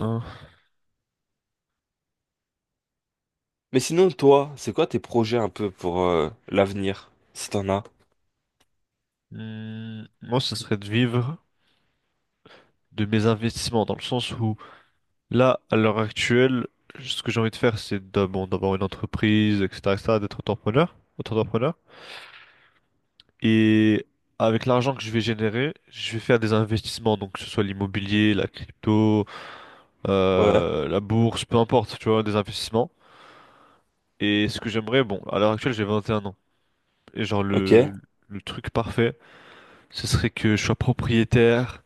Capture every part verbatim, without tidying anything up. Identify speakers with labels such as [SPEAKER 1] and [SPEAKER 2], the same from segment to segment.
[SPEAKER 1] Hein.
[SPEAKER 2] Mais sinon, toi, c'est quoi tes projets un peu pour euh, l'avenir, si t'en as?
[SPEAKER 1] Hmm, Moi, ça serait de vivre de mes investissements, dans le sens où là, à l'heure actuelle, ce que j'ai envie de faire, c'est d'a- bon, d'avoir une entreprise, et cetera, et cetera, d'être entrepreneur, entrepreneur. Et avec l'argent que je vais générer, je vais faire des investissements, donc que ce soit l'immobilier, la crypto,
[SPEAKER 2] Ouais,
[SPEAKER 1] euh, la bourse, peu importe, tu vois, des investissements. Et ce que j'aimerais, bon, à l'heure actuelle, j'ai vingt et un ans. Et genre
[SPEAKER 2] ok.
[SPEAKER 1] le, le truc parfait, ce serait que je sois propriétaire,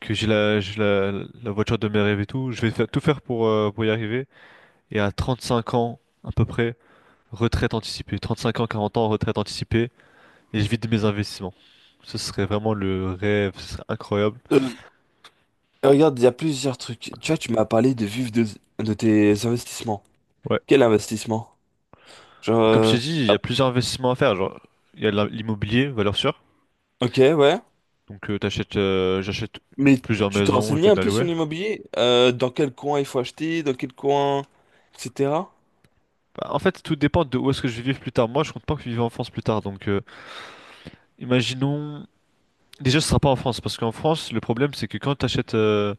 [SPEAKER 1] que j'ai la, j'ai la, la voiture de mes rêves et tout. Je vais faire, tout faire pour, euh, pour y arriver. Et à trente cinq ans, à peu près, retraite anticipée. Trente cinq ans, quarante ans, retraite anticipée. Et je vis de mes investissements. Ce serait vraiment le rêve, ce serait incroyable.
[SPEAKER 2] Euh, Regarde, il y a plusieurs trucs. Tu vois, tu m'as parlé de vivre de, de tes investissements.
[SPEAKER 1] Ouais.
[SPEAKER 2] Quel investissement? Genre,
[SPEAKER 1] Comme je
[SPEAKER 2] euh,
[SPEAKER 1] t'ai dit, il y
[SPEAKER 2] ah,
[SPEAKER 1] a plusieurs investissements à faire. Genre, il y a l'im- l'immobilier, valeur sûre.
[SPEAKER 2] ok, ouais.
[SPEAKER 1] Donc, euh, t'achètes, euh, j'achète
[SPEAKER 2] Mais
[SPEAKER 1] plusieurs
[SPEAKER 2] tu t'es
[SPEAKER 1] maisons, je
[SPEAKER 2] renseigné
[SPEAKER 1] les
[SPEAKER 2] un
[SPEAKER 1] mets à
[SPEAKER 2] peu sur
[SPEAKER 1] louer.
[SPEAKER 2] l'immobilier? Euh, dans quel coin il faut acheter, dans quel coin, et cetera.
[SPEAKER 1] Bah, en fait, tout dépend de où est-ce que je vais vivre plus tard. Moi, je compte pas que je vive en France plus tard. Donc, euh, imaginons. Déjà, ce sera pas en France, parce qu'en France, le problème, c'est que quand t'achètes euh,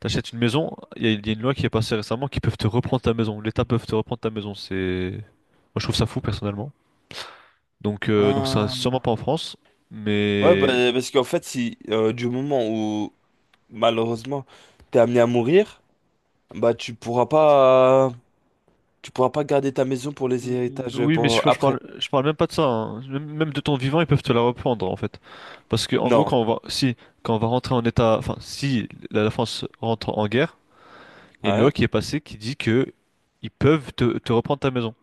[SPEAKER 1] t'achètes une maison, il y, a il y a une loi qui est passée récemment qui peuvent te reprendre ta maison. L'État peut te reprendre ta maison. C'est, moi, je trouve ça fou personnellement. Donc, euh, donc, ça sera
[SPEAKER 2] Ah.
[SPEAKER 1] sûrement pas en France.
[SPEAKER 2] Ouais,
[SPEAKER 1] Mais
[SPEAKER 2] bah, parce qu'en fait, si euh, du moment où malheureusement t'es amené à mourir, bah tu pourras pas Tu pourras pas garder ta maison pour les
[SPEAKER 1] Mm,
[SPEAKER 2] héritages, euh,
[SPEAKER 1] oui, mais
[SPEAKER 2] pour
[SPEAKER 1] je, je
[SPEAKER 2] après.
[SPEAKER 1] parle, je parle même pas de ça, hein. Même même de ton vivant, ils peuvent te la reprendre en fait, parce que en gros,
[SPEAKER 2] Non.
[SPEAKER 1] quand on va, si, quand on va rentrer en état, enfin, si la la France rentre en guerre, il y a
[SPEAKER 2] Ah,
[SPEAKER 1] une
[SPEAKER 2] ouais,
[SPEAKER 1] loi qui est passée qui dit que ils peuvent te te reprendre ta maison.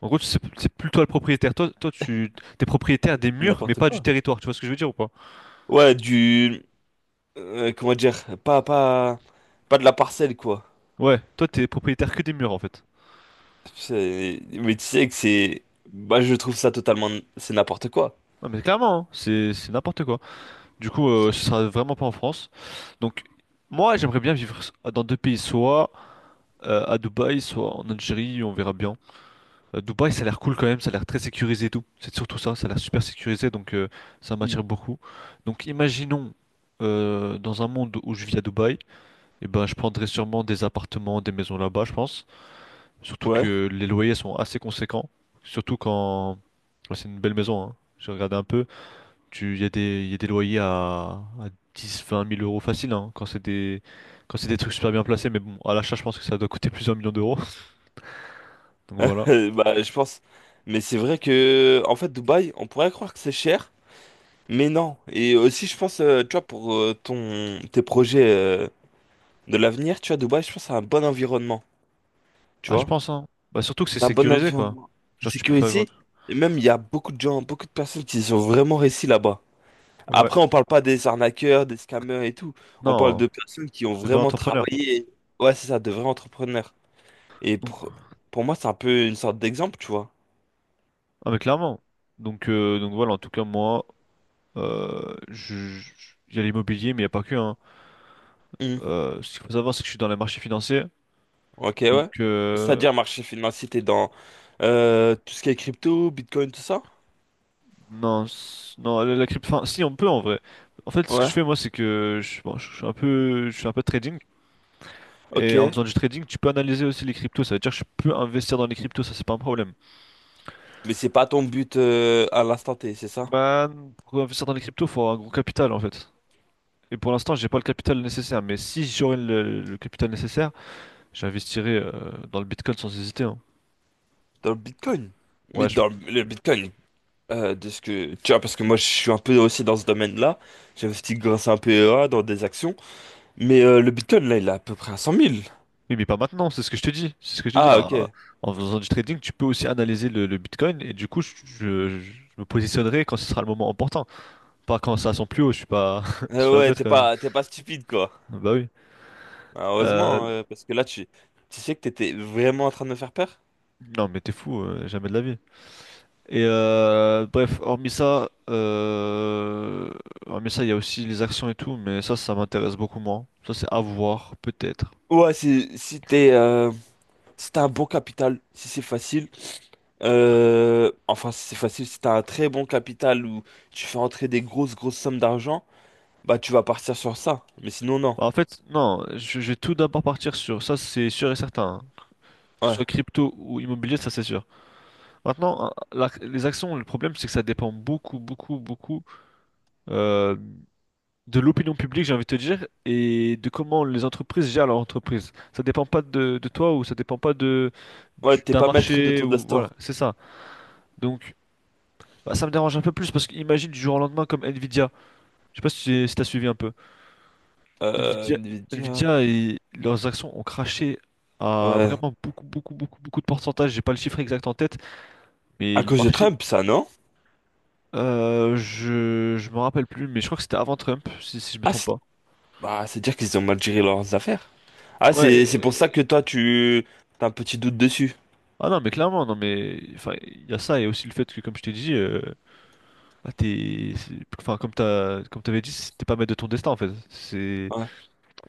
[SPEAKER 1] En gros, c'est c'est plus le propriétaire. Toi, toi, tu t'es propriétaire des murs, mais
[SPEAKER 2] n'importe
[SPEAKER 1] pas du
[SPEAKER 2] quoi.
[SPEAKER 1] territoire. Tu vois ce que je veux dire ou pas?
[SPEAKER 2] Ouais, du euh, comment dire, pas pas pas de la parcelle, quoi.
[SPEAKER 1] Ouais, toi, t'es propriétaire que des murs en fait.
[SPEAKER 2] C'est- Mais tu sais que c'est bah, je trouve ça totalement, c'est n'importe quoi.
[SPEAKER 1] Non, mais clairement, hein, c'est c'est n'importe quoi. Du coup, euh, ce sera vraiment pas en France. Donc, moi, j'aimerais bien vivre dans deux pays, soit euh, à Dubaï, soit en Algérie, on verra bien. Euh, Dubaï, ça a l'air cool quand même, ça a l'air très sécurisé et tout. C'est surtout ça, ça a l'air super sécurisé, donc euh, ça m'attire
[SPEAKER 2] Hmm.
[SPEAKER 1] beaucoup. Donc, imaginons euh, dans un monde où je vis à Dubaï, et ben, je prendrais sûrement des appartements, des maisons là-bas, je pense. Surtout
[SPEAKER 2] Ouais.
[SPEAKER 1] que les loyers sont assez conséquents. Surtout quand ouais, c'est une belle maison, hein. J'ai regardé un peu. Tu, il y a des, il y a des loyers à, à dix vingt mille euros facile, hein, quand c'est des, quand c'est des trucs super bien placés. Mais bon, à l'achat, je pense que ça doit coûter plusieurs millions d'euros. Donc voilà.
[SPEAKER 2] Euh, Bah, je pense, mais c'est vrai que en fait Dubaï, on pourrait croire que c'est cher, mais non. Et aussi je pense euh, tu vois, pour euh, ton tes projets euh, de l'avenir, tu vois Dubaï, je pense c'est un bon environnement, tu
[SPEAKER 1] Ah, je
[SPEAKER 2] vois.
[SPEAKER 1] pense, hein. Bah, surtout que c'est
[SPEAKER 2] Un bon
[SPEAKER 1] sécurisé, quoi.
[SPEAKER 2] environnement de
[SPEAKER 1] Genre, tu peux faire. Grand-
[SPEAKER 2] sécurité. Et même, il y a beaucoup de gens, beaucoup de personnes qui sont vraiment réussi là-bas.
[SPEAKER 1] Ouais.
[SPEAKER 2] Après, on parle pas des arnaqueurs, des scammers et tout. On parle
[SPEAKER 1] Non, hein.
[SPEAKER 2] de personnes qui ont
[SPEAKER 1] Le vrai
[SPEAKER 2] vraiment
[SPEAKER 1] entrepreneur.
[SPEAKER 2] travaillé. Ouais, c'est ça, de vrais entrepreneurs. Et
[SPEAKER 1] Donc,
[SPEAKER 2] pour, pour moi, c'est un peu une sorte d'exemple, tu vois.
[SPEAKER 1] ah, mais clairement. Donc, euh, donc voilà, en tout cas, moi, euh, je, je- il y a l'immobilier, mais il n'y a pas que, hein.
[SPEAKER 2] Hmm.
[SPEAKER 1] Euh, ce qu'il faut savoir, c'est que je suis dans les marchés financiers.
[SPEAKER 2] Ok,
[SPEAKER 1] Donc,
[SPEAKER 2] ouais.
[SPEAKER 1] euh,
[SPEAKER 2] C'est-à-dire marché financier, t'es dans euh, tout ce qui est crypto, Bitcoin, tout ça?
[SPEAKER 1] non, c- non, la, la crypto, enfin, si on peut en vrai. En fait, ce que je
[SPEAKER 2] Ouais.
[SPEAKER 1] fais moi, c'est que je, bon, je suis un peu, je fais un peu de trading.
[SPEAKER 2] Ok.
[SPEAKER 1] Et en faisant du trading, tu peux analyser aussi les cryptos. Ça veut dire que je peux investir dans les cryptos, ça c'est pas un problème.
[SPEAKER 2] Mais c'est pas ton but, euh, à l'instant T, c'est ça?
[SPEAKER 1] Bah, pour investir dans les cryptos, faut avoir un gros capital en fait. Et pour l'instant, j'ai pas le capital nécessaire. Mais si j'aurais le, le capital nécessaire, j'investirais euh, dans le Bitcoin sans hésiter, hein.
[SPEAKER 2] Dans le Bitcoin. Mais
[SPEAKER 1] Ouais, je
[SPEAKER 2] dans le Bitcoin, Euh, de ce que tu vois, parce que moi je suis un peu aussi dans ce domaine-là, j'investis grâce à un P E A dans des actions, mais euh, le Bitcoin là, il est à peu près à cent mille.
[SPEAKER 1] Oui, mais pas maintenant, c'est ce que je te dis. C'est ce que je te dis.
[SPEAKER 2] Ah,
[SPEAKER 1] En,
[SPEAKER 2] ok.
[SPEAKER 1] en faisant du trading, tu peux aussi analyser le, le Bitcoin et du coup, je, je- je me positionnerai quand ce sera le moment important. Pas quand ça sent plus haut, je suis pas, je suis
[SPEAKER 2] Euh,
[SPEAKER 1] pas
[SPEAKER 2] ouais,
[SPEAKER 1] bête
[SPEAKER 2] t'es
[SPEAKER 1] quand même.
[SPEAKER 2] pas t'es pas stupide, quoi.
[SPEAKER 1] Bah oui. Euh,
[SPEAKER 2] Heureusement, euh, parce que là, tu tu sais que t'étais vraiment en train de me faire peur.
[SPEAKER 1] non, mais t'es fou, euh, jamais de la vie. Et euh, bref, hormis ça, euh, hormis ça, il y a aussi les actions et tout, mais ça, ça m'intéresse beaucoup moins. Ça, c'est à voir, peut-être.
[SPEAKER 2] Ouais, si si t'es, euh, si t'as un bon capital, si c'est facile, euh, enfin si c'est facile, si t'as un très bon capital où tu fais entrer des grosses grosses sommes d'argent, bah tu vas partir sur ça, mais sinon non.
[SPEAKER 1] Bah, en fait, non, je, je vais tout d'abord partir sur ça, c'est sûr et certain. Que ce soit
[SPEAKER 2] Ouais,
[SPEAKER 1] crypto ou immobilier, ça, c'est sûr. Maintenant, euh, la- les actions, le problème, c'est que ça dépend beaucoup, beaucoup, beaucoup euh, de l'opinion publique, j'ai envie de te dire, et de comment les entreprises gèrent leur entreprise. Ça dépend pas de, de toi ou ça dépend pas de
[SPEAKER 2] ouais,
[SPEAKER 1] du-
[SPEAKER 2] t'es
[SPEAKER 1] d'un
[SPEAKER 2] pas maître de
[SPEAKER 1] marché
[SPEAKER 2] ton
[SPEAKER 1] ou voilà,
[SPEAKER 2] destin.
[SPEAKER 1] c'est ça. Donc, bah, ça me dérange un peu plus parce qu'imagine du jour au lendemain comme Nvidia. Je sais pas si tu as suivi un peu.
[SPEAKER 2] Euh,
[SPEAKER 1] Nvidia,
[SPEAKER 2] Nvidia,
[SPEAKER 1] Nvidia et leurs actions ont craché à
[SPEAKER 2] ouais.
[SPEAKER 1] vraiment beaucoup, beaucoup, beaucoup, beaucoup de pourcentage. J'ai pas le chiffre exact en tête, mais
[SPEAKER 2] À
[SPEAKER 1] le
[SPEAKER 2] cause de
[SPEAKER 1] marché
[SPEAKER 2] Trump, ça, non?
[SPEAKER 1] Euh, je je me rappelle plus, mais je crois que c'était avant Trump, si, si je me
[SPEAKER 2] Ah,
[SPEAKER 1] trompe
[SPEAKER 2] c'est
[SPEAKER 1] pas.
[SPEAKER 2] bah, c'est dire qu'ils ont mal géré leurs affaires. Ah,
[SPEAKER 1] Ouais.
[SPEAKER 2] c'est c'est pour ça que
[SPEAKER 1] euh,
[SPEAKER 2] toi, tu t'as un petit doute dessus.
[SPEAKER 1] Ah non, mais clairement, non, mais enfin, il y a ça et aussi le fait que, comme je t'ai dit, euh, bah, t'es, c'est- enfin, comme t'as, comme t'avais dit, c'est- t'es pas maître de ton destin en fait. C'est,
[SPEAKER 2] Ouais.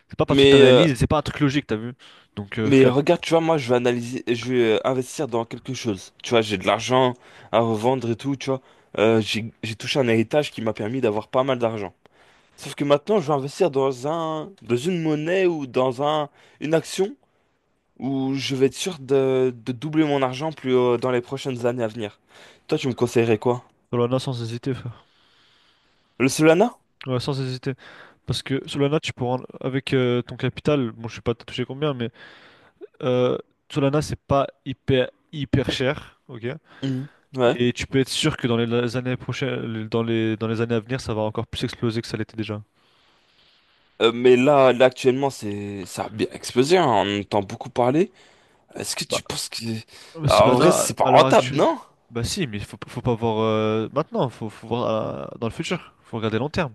[SPEAKER 1] c'est pas parce que
[SPEAKER 2] Mais, euh,
[SPEAKER 1] t'analyses, c'est pas un truc logique, t'as vu? Donc euh,
[SPEAKER 2] mais
[SPEAKER 1] flemme.
[SPEAKER 2] regarde, tu vois, moi, je vais analyser, je vais euh, investir dans quelque chose. Tu vois, j'ai de l'argent à revendre et tout, tu vois. Euh, j'ai j'ai touché un héritage qui m'a permis d'avoir pas mal d'argent. Sauf que maintenant, je vais investir dans un, dans une monnaie ou dans un, une action, où je vais être sûr de, de doubler mon argent, plus euh, dans les prochaines années à venir. Toi, tu me conseillerais quoi?
[SPEAKER 1] Solana sans hésiter, frère.
[SPEAKER 2] Le Solana?
[SPEAKER 1] Ouais, sans hésiter. Parce que Solana, tu pourras, avec euh, ton capital, bon, je sais pas t'as touché combien, mais euh, Solana, c'est pas hyper hyper cher, ok?
[SPEAKER 2] Mhm. Ouais.
[SPEAKER 1] Et tu peux être sûr que dans les années prochaines, dans les, dans les années à venir, ça va encore plus exploser que ça l'était déjà.
[SPEAKER 2] Euh, mais là, là actuellement, c'est ça a bien explosé, hein, on entend beaucoup parler. Est-ce que
[SPEAKER 1] Bah,
[SPEAKER 2] tu penses que... Ah, en vrai,
[SPEAKER 1] Solana,
[SPEAKER 2] c'est pas
[SPEAKER 1] à l'heure
[SPEAKER 2] rentable,
[SPEAKER 1] actuelle,
[SPEAKER 2] non?
[SPEAKER 1] bah si, mais faut, faut pas voir euh, maintenant, faut, faut voir euh, dans le futur, faut regarder long terme.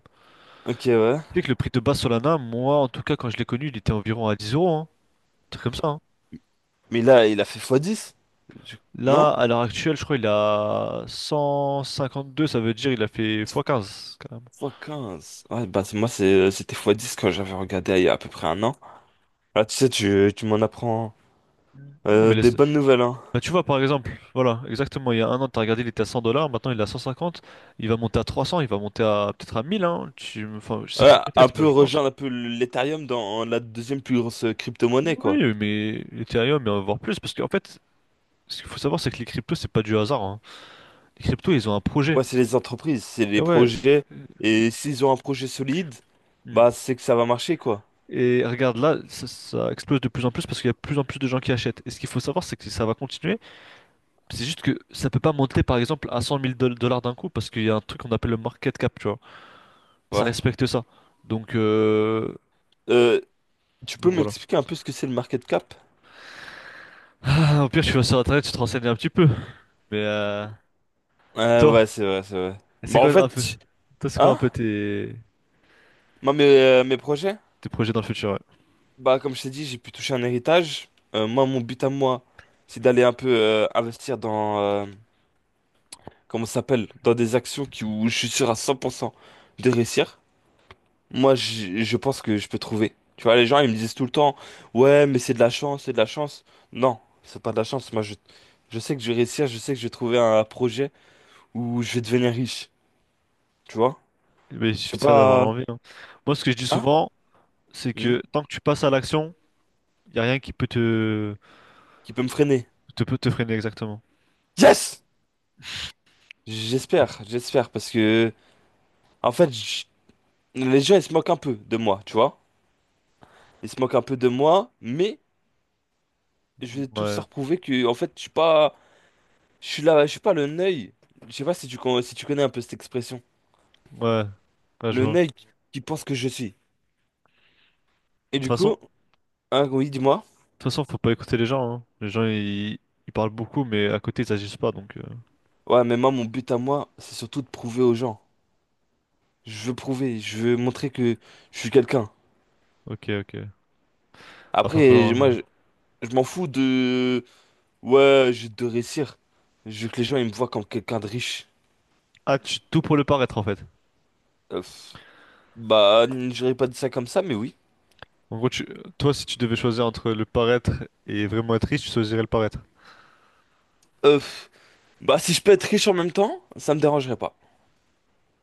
[SPEAKER 2] Ok, ouais.
[SPEAKER 1] Tu sais que le prix de base Solana, moi en tout cas, quand je l'ai connu, il était environ à dix euros, hein, un truc comme ça, hein.
[SPEAKER 2] Mais là, il a fait fois dix. Je-
[SPEAKER 1] Là,
[SPEAKER 2] Non?
[SPEAKER 1] à l'heure actuelle, je crois il est à deux, ça veut dire il a fait fois quinze quand même.
[SPEAKER 2] fois quinze. Ouais, bah c'est- moi, c'est- c'était fois dix quand j'avais regardé il y a à peu près un an. Là, tu sais, tu, tu m'en apprends
[SPEAKER 1] Non,
[SPEAKER 2] euh,
[SPEAKER 1] mais
[SPEAKER 2] des
[SPEAKER 1] laisse-
[SPEAKER 2] bonnes nouvelles, hein.
[SPEAKER 1] Bah, tu vois, par exemple, voilà, exactement, il y a un an, tu as regardé, il était à cent dollars, maintenant il est à cent cinquante, il va monter à trois cents, il va monter à peut-être à mille, hein, tu, enfin, je sais
[SPEAKER 2] Ouais,
[SPEAKER 1] pas,
[SPEAKER 2] un
[SPEAKER 1] peut-être, moi
[SPEAKER 2] peu
[SPEAKER 1] je pense que
[SPEAKER 2] rejoindre un peu l'Ethereum dans la deuxième plus grosse crypto-monnaie, quoi.
[SPEAKER 1] oui, mais Ethereum, mais on va voir plus, parce qu'en fait, ce qu'il faut savoir, c'est que les cryptos, c'est pas du hasard, hein. Les cryptos, ils ont un projet.
[SPEAKER 2] Ouais, c'est les entreprises, c'est
[SPEAKER 1] Et
[SPEAKER 2] les
[SPEAKER 1] ouais,
[SPEAKER 2] projets.
[SPEAKER 1] euh,
[SPEAKER 2] Et s'ils ont un projet solide,
[SPEAKER 1] hmm.
[SPEAKER 2] bah c'est que ça va marcher, quoi.
[SPEAKER 1] Et regarde, là, ça, ça explose de plus en plus parce qu'il y a de plus en plus de gens qui achètent. Et ce qu'il faut savoir, c'est que ça va continuer, c'est juste que ça peut pas monter, par exemple, à cent mille dollars d'un coup, parce qu'il y a un truc qu'on appelle le market cap, tu vois. Ça
[SPEAKER 2] Ouais.
[SPEAKER 1] respecte ça. Donc, euh,
[SPEAKER 2] Euh, Tu peux
[SPEAKER 1] donc voilà.
[SPEAKER 2] m'expliquer un peu ce que c'est le market cap?
[SPEAKER 1] Ah, au pire, tu vas sur internet, tu te renseignes un petit peu. Mais euh,
[SPEAKER 2] Ouais,
[SPEAKER 1] toi,
[SPEAKER 2] ouais, c'est vrai, c'est vrai.
[SPEAKER 1] c'est
[SPEAKER 2] Bah en
[SPEAKER 1] quoi un peu,
[SPEAKER 2] fait,
[SPEAKER 1] toi, c'est quoi un
[SPEAKER 2] hein?
[SPEAKER 1] peu tes,
[SPEAKER 2] Moi, mes, euh, mes projets,
[SPEAKER 1] tes projets dans le futur? Ouais.
[SPEAKER 2] bah comme je t'ai dit, j'ai pu toucher un héritage. Euh, moi, mon but à moi, c'est d'aller un peu euh, investir dans, euh, comment ça s'appelle? Dans des actions qui, où je suis sûr à cent pour cent de réussir. Moi, je, je pense que je peux trouver. Tu vois, les gens, ils me disent tout le temps, ouais, mais c'est de la chance, c'est de la chance. Non, c'est pas de la chance. Moi, je, je sais que je vais réussir, je sais que je vais trouver un projet où je vais devenir riche. Tu vois?
[SPEAKER 1] Mais il
[SPEAKER 2] Je
[SPEAKER 1] suffit
[SPEAKER 2] sais
[SPEAKER 1] de faire d'avoir
[SPEAKER 2] pas,
[SPEAKER 1] l'envie, hein. Moi, ce que je dis
[SPEAKER 2] hein?
[SPEAKER 1] souvent, c'est
[SPEAKER 2] Hmm.
[SPEAKER 1] que tant que tu passes à l'action, il y a rien qui peut te,
[SPEAKER 2] Qui peut me freiner.
[SPEAKER 1] te, peut te freiner exactement.
[SPEAKER 2] Yes! J'espère, j'espère, parce que, en fait, je- les gens, ils se moquent un peu de moi, tu vois? Ils se moquent un peu de moi, mais je vais tous
[SPEAKER 1] Ouais,
[SPEAKER 2] leur prouver que, en fait, je suis pas, je suis là, je suis pas le neuil. Je sais pas si tu, con- si tu connais un peu cette expression.
[SPEAKER 1] ouais, ouais, je
[SPEAKER 2] Le
[SPEAKER 1] vois.
[SPEAKER 2] nègre qui pense que je suis.
[SPEAKER 1] De
[SPEAKER 2] Et
[SPEAKER 1] toute
[SPEAKER 2] du
[SPEAKER 1] façon, de
[SPEAKER 2] coup, hein, oui, dis-moi.
[SPEAKER 1] toute façon, faut pas écouter les gens, hein. Les gens, ils, ils parlent beaucoup, mais à côté, ils agissent pas. Donc, euh,
[SPEAKER 2] Ouais, mais moi, mon but à moi, c'est surtout de prouver aux gens. Je veux prouver, je veux montrer que je suis quelqu'un.
[SPEAKER 1] ok, ok. Bah, va
[SPEAKER 2] Après, je-
[SPEAKER 1] falloir.
[SPEAKER 2] moi,
[SPEAKER 1] euh,
[SPEAKER 2] je, je m'en fous de... Ouais, j'ai de réussir. Je veux que les gens, ils me voient comme quelqu'un de riche.
[SPEAKER 1] Ah, tu tout pour le paraître en fait.
[SPEAKER 2] Euh, pff, bah, j'aurais pas dit ça comme ça, mais oui.
[SPEAKER 1] En gros, tu- toi, si tu devais choisir entre le paraître et vraiment être riche, tu choisirais le paraître.
[SPEAKER 2] Euh, pff, bah, si je peux être riche en même temps, ça me dérangerait pas.